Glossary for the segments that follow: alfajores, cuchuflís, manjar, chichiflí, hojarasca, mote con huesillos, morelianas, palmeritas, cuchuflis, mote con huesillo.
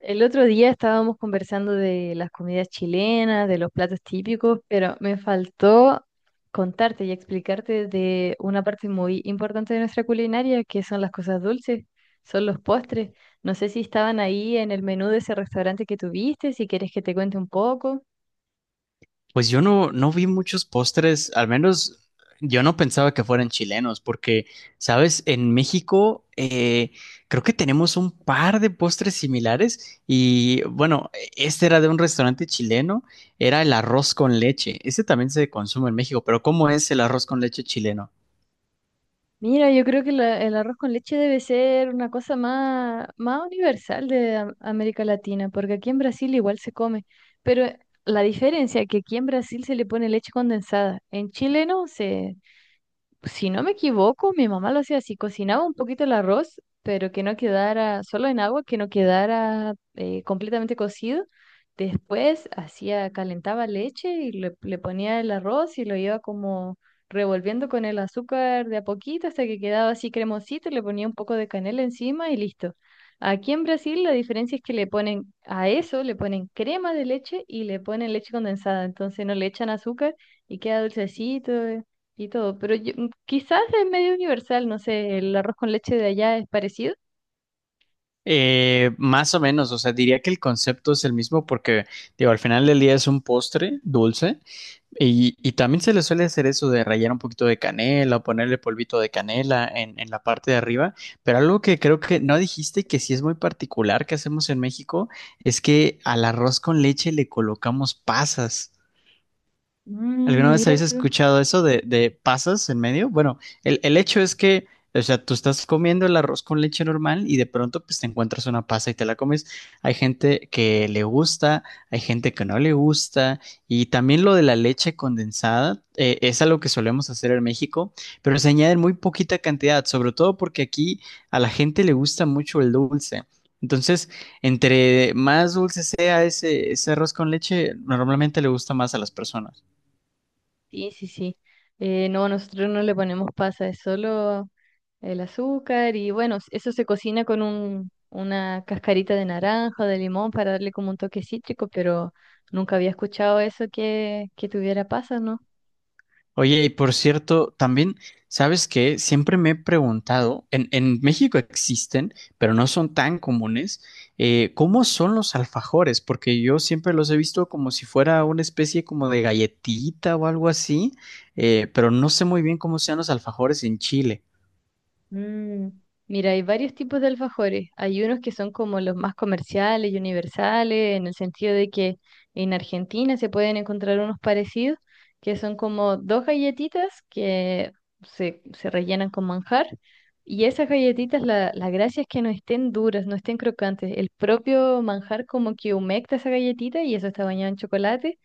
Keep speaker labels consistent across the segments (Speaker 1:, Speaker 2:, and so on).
Speaker 1: El otro día estábamos conversando de las comidas chilenas, de los platos típicos, pero me faltó contarte y explicarte de una parte muy importante de nuestra culinaria, que son las cosas dulces, son los postres. No sé si estaban ahí en el menú de ese restaurante que tuviste, si quieres que te cuente un poco.
Speaker 2: Pues yo no vi muchos postres, al menos yo no pensaba que fueran chilenos, porque, sabes, en México creo que tenemos un par de postres similares y bueno, este era de un restaurante chileno, era el arroz con leche, ese también se consume en México, pero ¿cómo es el arroz con leche chileno?
Speaker 1: Mira, yo creo que el arroz con leche debe ser una cosa más universal de América Latina, porque aquí en Brasil igual se come, pero la diferencia es que aquí en Brasil se le pone leche condensada, en Chile no, se, si no me equivoco, mi mamá lo hacía así, cocinaba un poquito el arroz, pero que no quedara solo en agua, que no quedara completamente cocido. Después hacía, calentaba leche y le ponía el arroz y lo iba como revolviendo con el azúcar de a poquito hasta que quedaba así cremosito, le ponía un poco de canela encima y listo. Aquí en Brasil la diferencia es que le ponen a eso, le ponen crema de leche y le ponen leche condensada, entonces no le echan azúcar y queda dulcecito, y todo, pero quizás es medio universal, no sé, el arroz con leche de allá es parecido.
Speaker 2: Más o menos, o sea, diría que el concepto es el mismo porque, digo, al final del día es un postre dulce y también se le suele hacer eso de rallar un poquito de canela o ponerle polvito de canela en la parte de arriba, pero algo que creo que no dijiste y que sí es muy particular que hacemos en México es que al arroz con leche le colocamos pasas. ¿Alguna
Speaker 1: Mm,
Speaker 2: vez
Speaker 1: mira
Speaker 2: habéis
Speaker 1: tú.
Speaker 2: escuchado eso de pasas en medio? Bueno, el hecho es que, o sea, tú estás comiendo el arroz con leche normal y de pronto pues te encuentras una pasa y te la comes. Hay gente que le gusta, hay gente que no le gusta y también lo de la leche condensada es algo que solemos hacer en México, pero se añade en muy poquita cantidad, sobre todo porque aquí a la gente le gusta mucho el dulce. Entonces, entre más dulce sea ese arroz con leche, normalmente le gusta más a las personas.
Speaker 1: Sí, sí, sí. No, nosotros no le ponemos pasa, es solo el azúcar y bueno, eso se cocina con una cascarita de naranja, de limón para darle como un toque cítrico, pero nunca había escuchado eso que tuviera pasas, ¿no?
Speaker 2: Oye, y por cierto, también, ¿sabes qué? Siempre me he preguntado, en México existen, pero no son tan comunes, ¿cómo son los alfajores? Porque yo siempre los he visto como si fuera una especie como de galletita o algo así, pero no sé muy bien cómo sean los alfajores en Chile.
Speaker 1: Mm, mira, hay varios tipos de alfajores. Hay unos que son como los más comerciales y universales, en el sentido de que en Argentina se pueden encontrar unos parecidos, que son como dos galletitas que se rellenan con manjar. Y esas galletitas, la gracia es que no estén duras, no estén crocantes. El propio manjar como que humecta esa galletita y eso está bañado en chocolate.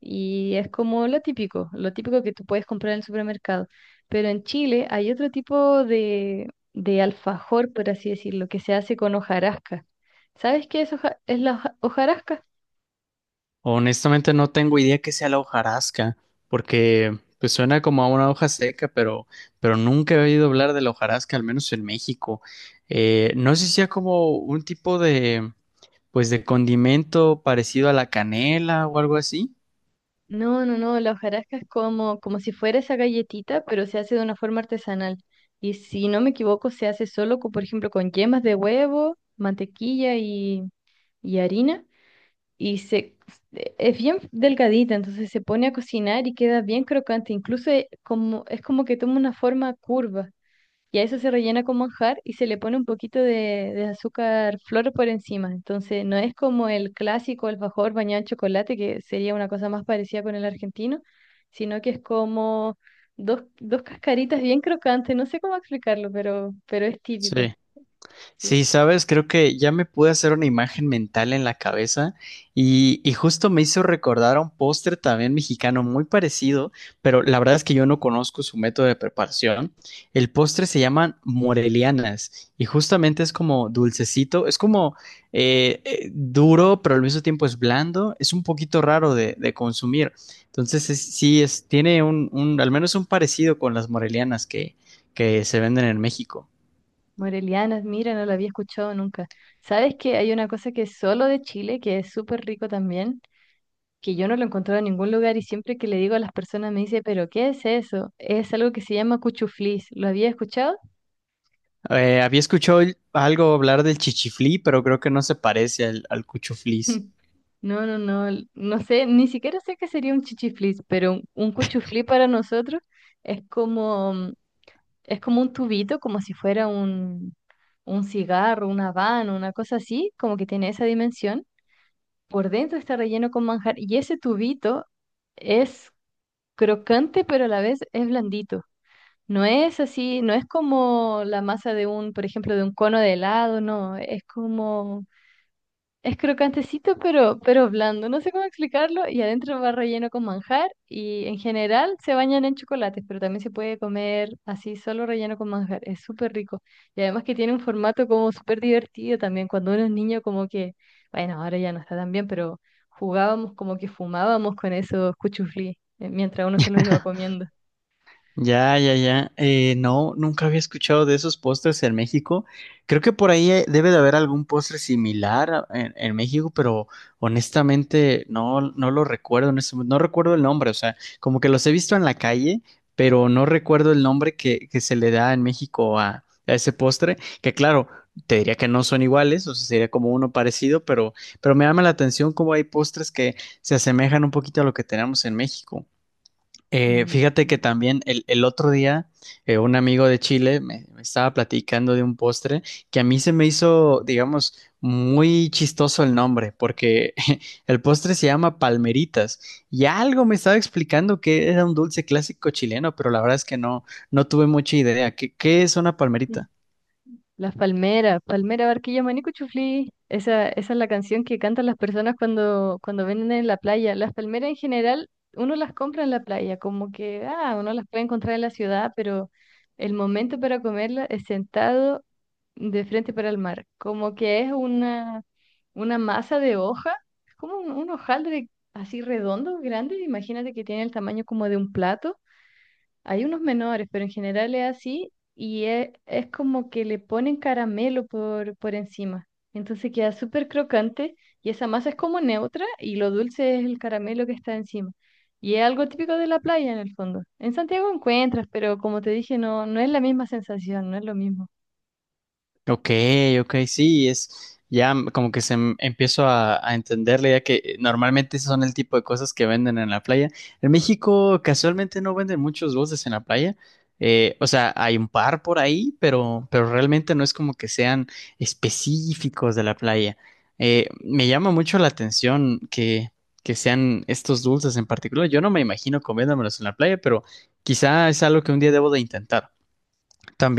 Speaker 1: Y es como lo típico que tú puedes comprar en el supermercado. Pero en Chile hay otro tipo de alfajor, por así decirlo, que se hace con hojarasca. ¿Sabes qué es, hojarasca?
Speaker 2: Honestamente no tengo idea que sea la hojarasca, porque pues suena como a una hoja seca, pero nunca he oído hablar de la hojarasca, al menos en México. No sé si
Speaker 1: Mm.
Speaker 2: sea como un tipo de, pues de condimento parecido a la canela o algo así.
Speaker 1: No, no, no, la hojarasca es como, como si fuera esa galletita, pero se hace de una forma artesanal. Y si no me equivoco, se hace solo, con, por ejemplo, con yemas de huevo, mantequilla y harina. Y es bien delgadita, entonces se pone a cocinar y queda bien crocante. Incluso es como que toma una forma curva. Y a eso se rellena con manjar y se le pone un poquito de azúcar flor por encima. Entonces, no es como el clásico alfajor bañado en chocolate, que sería una cosa más parecida con el argentino, sino que es como dos cascaritas bien crocantes. No sé cómo explicarlo, pero es típico.
Speaker 2: Sí.
Speaker 1: Sí.
Speaker 2: Sí, sabes, creo que ya me pude hacer una imagen mental en la cabeza y justo me hizo recordar a un postre también mexicano muy parecido, pero la verdad es que yo no conozco su método de preparación. El postre se llaman morelianas y justamente es como dulcecito, es como duro, pero al mismo tiempo es blando, es un poquito raro de consumir. Entonces, es- sí, es, tiene un, al menos un parecido con las morelianas que se venden en México.
Speaker 1: Morelianas, mira, no lo había escuchado nunca. ¿Sabes que hay una cosa que es solo de Chile, que es súper rico también? Que yo no lo encontraba en ningún lugar y siempre que le digo a las personas me dice, pero ¿qué es eso? Es algo que se llama cuchuflis. ¿Lo había escuchado?
Speaker 2: Había escuchado algo hablar del chichiflí, pero creo que no se parece al cuchuflís.
Speaker 1: No, no, no, no sé, ni siquiera sé qué sería un chichiflis, pero un cuchuflí para nosotros es como, mm, es como un tubito, como si fuera un cigarro, una habano, una cosa así, como que tiene esa dimensión. Por dentro está relleno con manjar y ese tubito es crocante, pero a la vez es blandito. No es así, no es como la masa de un, por ejemplo, de un cono de helado, no, es como, es crocantecito pero blando, no sé cómo explicarlo, y adentro va relleno con manjar y en general se bañan en chocolates, pero también se puede comer así solo relleno con manjar, es súper rico. Y además que tiene un formato como súper divertido también, cuando uno es niño como que, bueno, ahora ya no está tan bien, pero jugábamos como que fumábamos con esos cuchuflí mientras uno se los iba comiendo.
Speaker 2: Ya, ya, ya. No, nunca había escuchado de esos postres en México. Creo que por ahí debe de haber algún postre similar a- en México, pero honestamente no lo recuerdo en este momento. No recuerdo el nombre, o sea, como que los he visto en la calle, pero no recuerdo el nombre que se le da en México a ese postre, que claro, te diría que no son iguales, o sea, sería como uno parecido, pero me llama la atención cómo hay postres que se asemejan un poquito a lo que tenemos en México.
Speaker 1: Mm,
Speaker 2: Fíjate que también el otro día un amigo de Chile me, me estaba platicando de un postre que a mí se me hizo, digamos, muy chistoso el nombre, porque el postre se llama palmeritas y algo me estaba explicando que era un dulce clásico chileno, pero la verdad es que no, no tuve mucha idea. ¿Qué, qué es una
Speaker 1: mm.
Speaker 2: palmerita?
Speaker 1: Las palmeras, palmera, barquilla, maní, cuchuflí. Esa es la canción que cantan las personas cuando vienen en la playa. Las palmeras en general, uno las compra en la playa, como que, ah, uno las puede encontrar en la ciudad, pero el momento para comerla es sentado de frente para el mar. Como que es una masa de hoja, es como un hojaldre así redondo, grande. Imagínate que tiene el tamaño como de un plato, hay unos menores, pero en general es así y es, como que le ponen caramelo por encima. Entonces queda súper crocante y esa masa es como neutra y lo dulce es el caramelo que está encima. Y es algo típico de la playa en el fondo. En Santiago encuentras, pero como te dije, no, no es la misma sensación, no es lo mismo.
Speaker 2: Ok, ok, sí, es ya m- como que se m- empiezo a entender la idea que normalmente esos son el tipo de cosas que venden en la playa. En México casualmente no venden muchos dulces en la playa. O sea, hay un par por ahí, pero realmente no es como que sean específicos de la playa. Me llama mucho la atención que sean estos dulces en particular. Yo no me imagino comiéndomelos en la playa, pero quizá es algo que un día debo de intentar.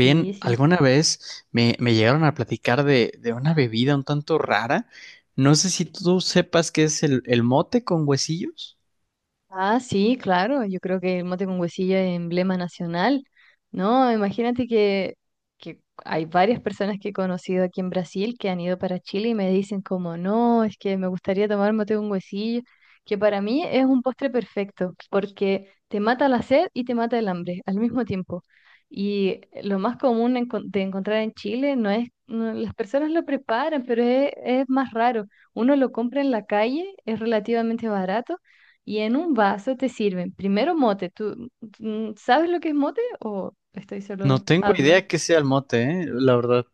Speaker 1: Sí, sí.
Speaker 2: alguna vez me, me llegaron a platicar de una bebida un tanto rara. No sé si tú sepas qué es el mote con huesillos.
Speaker 1: Ah, sí, claro, yo creo que el mote con huesillo es emblema nacional, ¿no? Imagínate que hay varias personas que he conocido aquí en Brasil que han ido para Chile y me dicen como, no, es que me gustaría tomar mote con huesillo, que para mí es un postre perfecto, porque te mata la sed y te mata el hambre al mismo tiempo. Y lo más común de encontrar en Chile no es, las personas lo preparan, pero es más raro. Uno lo compra en la calle, es relativamente barato y en un vaso te sirven primero mote. ¿Tú, tú sabes lo que es mote o estoy
Speaker 2: No
Speaker 1: solo
Speaker 2: tengo
Speaker 1: hablando?
Speaker 2: idea qué sea el mote, la verdad. O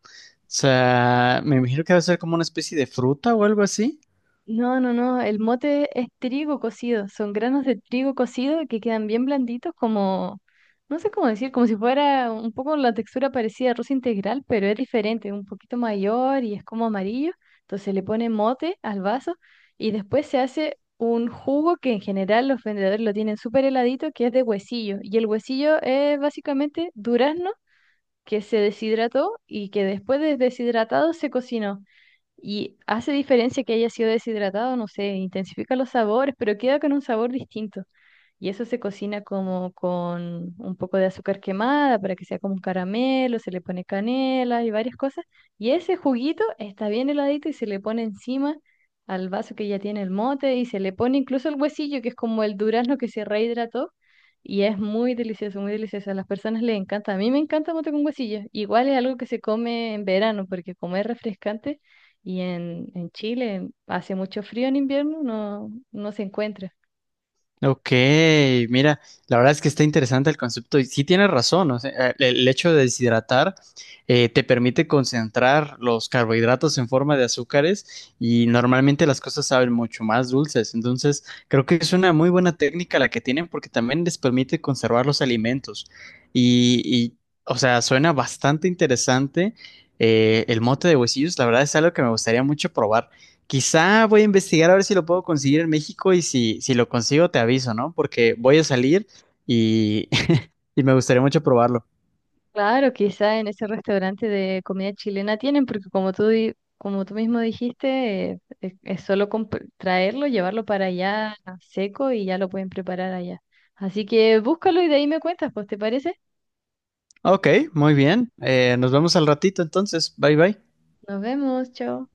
Speaker 2: sea, me imagino que debe ser como una especie de fruta o algo así.
Speaker 1: No, no, no. El mote es trigo cocido. Son granos de trigo cocido que quedan bien blanditos, como, no sé cómo decir, como si fuera un poco la textura parecida a arroz integral, pero es diferente, un poquito mayor y es como amarillo. Entonces le pone mote al vaso y después se hace un jugo que en general los vendedores lo tienen súper heladito, que es de huesillo. Y el huesillo es básicamente durazno que se deshidrató y que después de deshidratado se cocinó. Y hace diferencia que haya sido deshidratado, no sé, intensifica los sabores, pero queda con un sabor distinto. Y eso se cocina como con un poco de azúcar quemada para que sea como un caramelo, se le pone canela y varias cosas. Y ese juguito está bien heladito y se le pone encima al vaso que ya tiene el mote y se le pone incluso el huesillo, que es como el durazno que se rehidrató. Y es muy delicioso, muy delicioso. A las personas les encanta. A mí me encanta mote con huesillo. Igual es algo que se come en verano porque como es refrescante. Y en Chile hace mucho frío en invierno, no, no se encuentra.
Speaker 2: Ok, mira, la verdad es que está interesante el concepto y sí tienes razón, o sea, el hecho de deshidratar te permite concentrar los carbohidratos en forma de azúcares y normalmente las cosas saben mucho más dulces, entonces creo que es una muy buena técnica la que tienen porque también les permite conservar los alimentos y, y, o sea, suena bastante interesante el mote de huesillos, la verdad es algo que me gustaría mucho probar. Quizá voy a investigar a ver si lo puedo conseguir en México y si, si lo consigo te
Speaker 1: Mm.
Speaker 2: aviso, ¿no? Porque voy a salir y, y me gustaría mucho probarlo.
Speaker 1: Claro, quizá en ese restaurante de comida chilena tienen, porque como tú, como tú mismo dijiste, es solo traerlo, llevarlo para allá seco y ya lo pueden preparar allá. Así que búscalo y de ahí me cuentas, pues, ¿te parece?
Speaker 2: Ok, muy bien. Nos vemos al ratito entonces. Bye bye.
Speaker 1: Nos vemos, chao.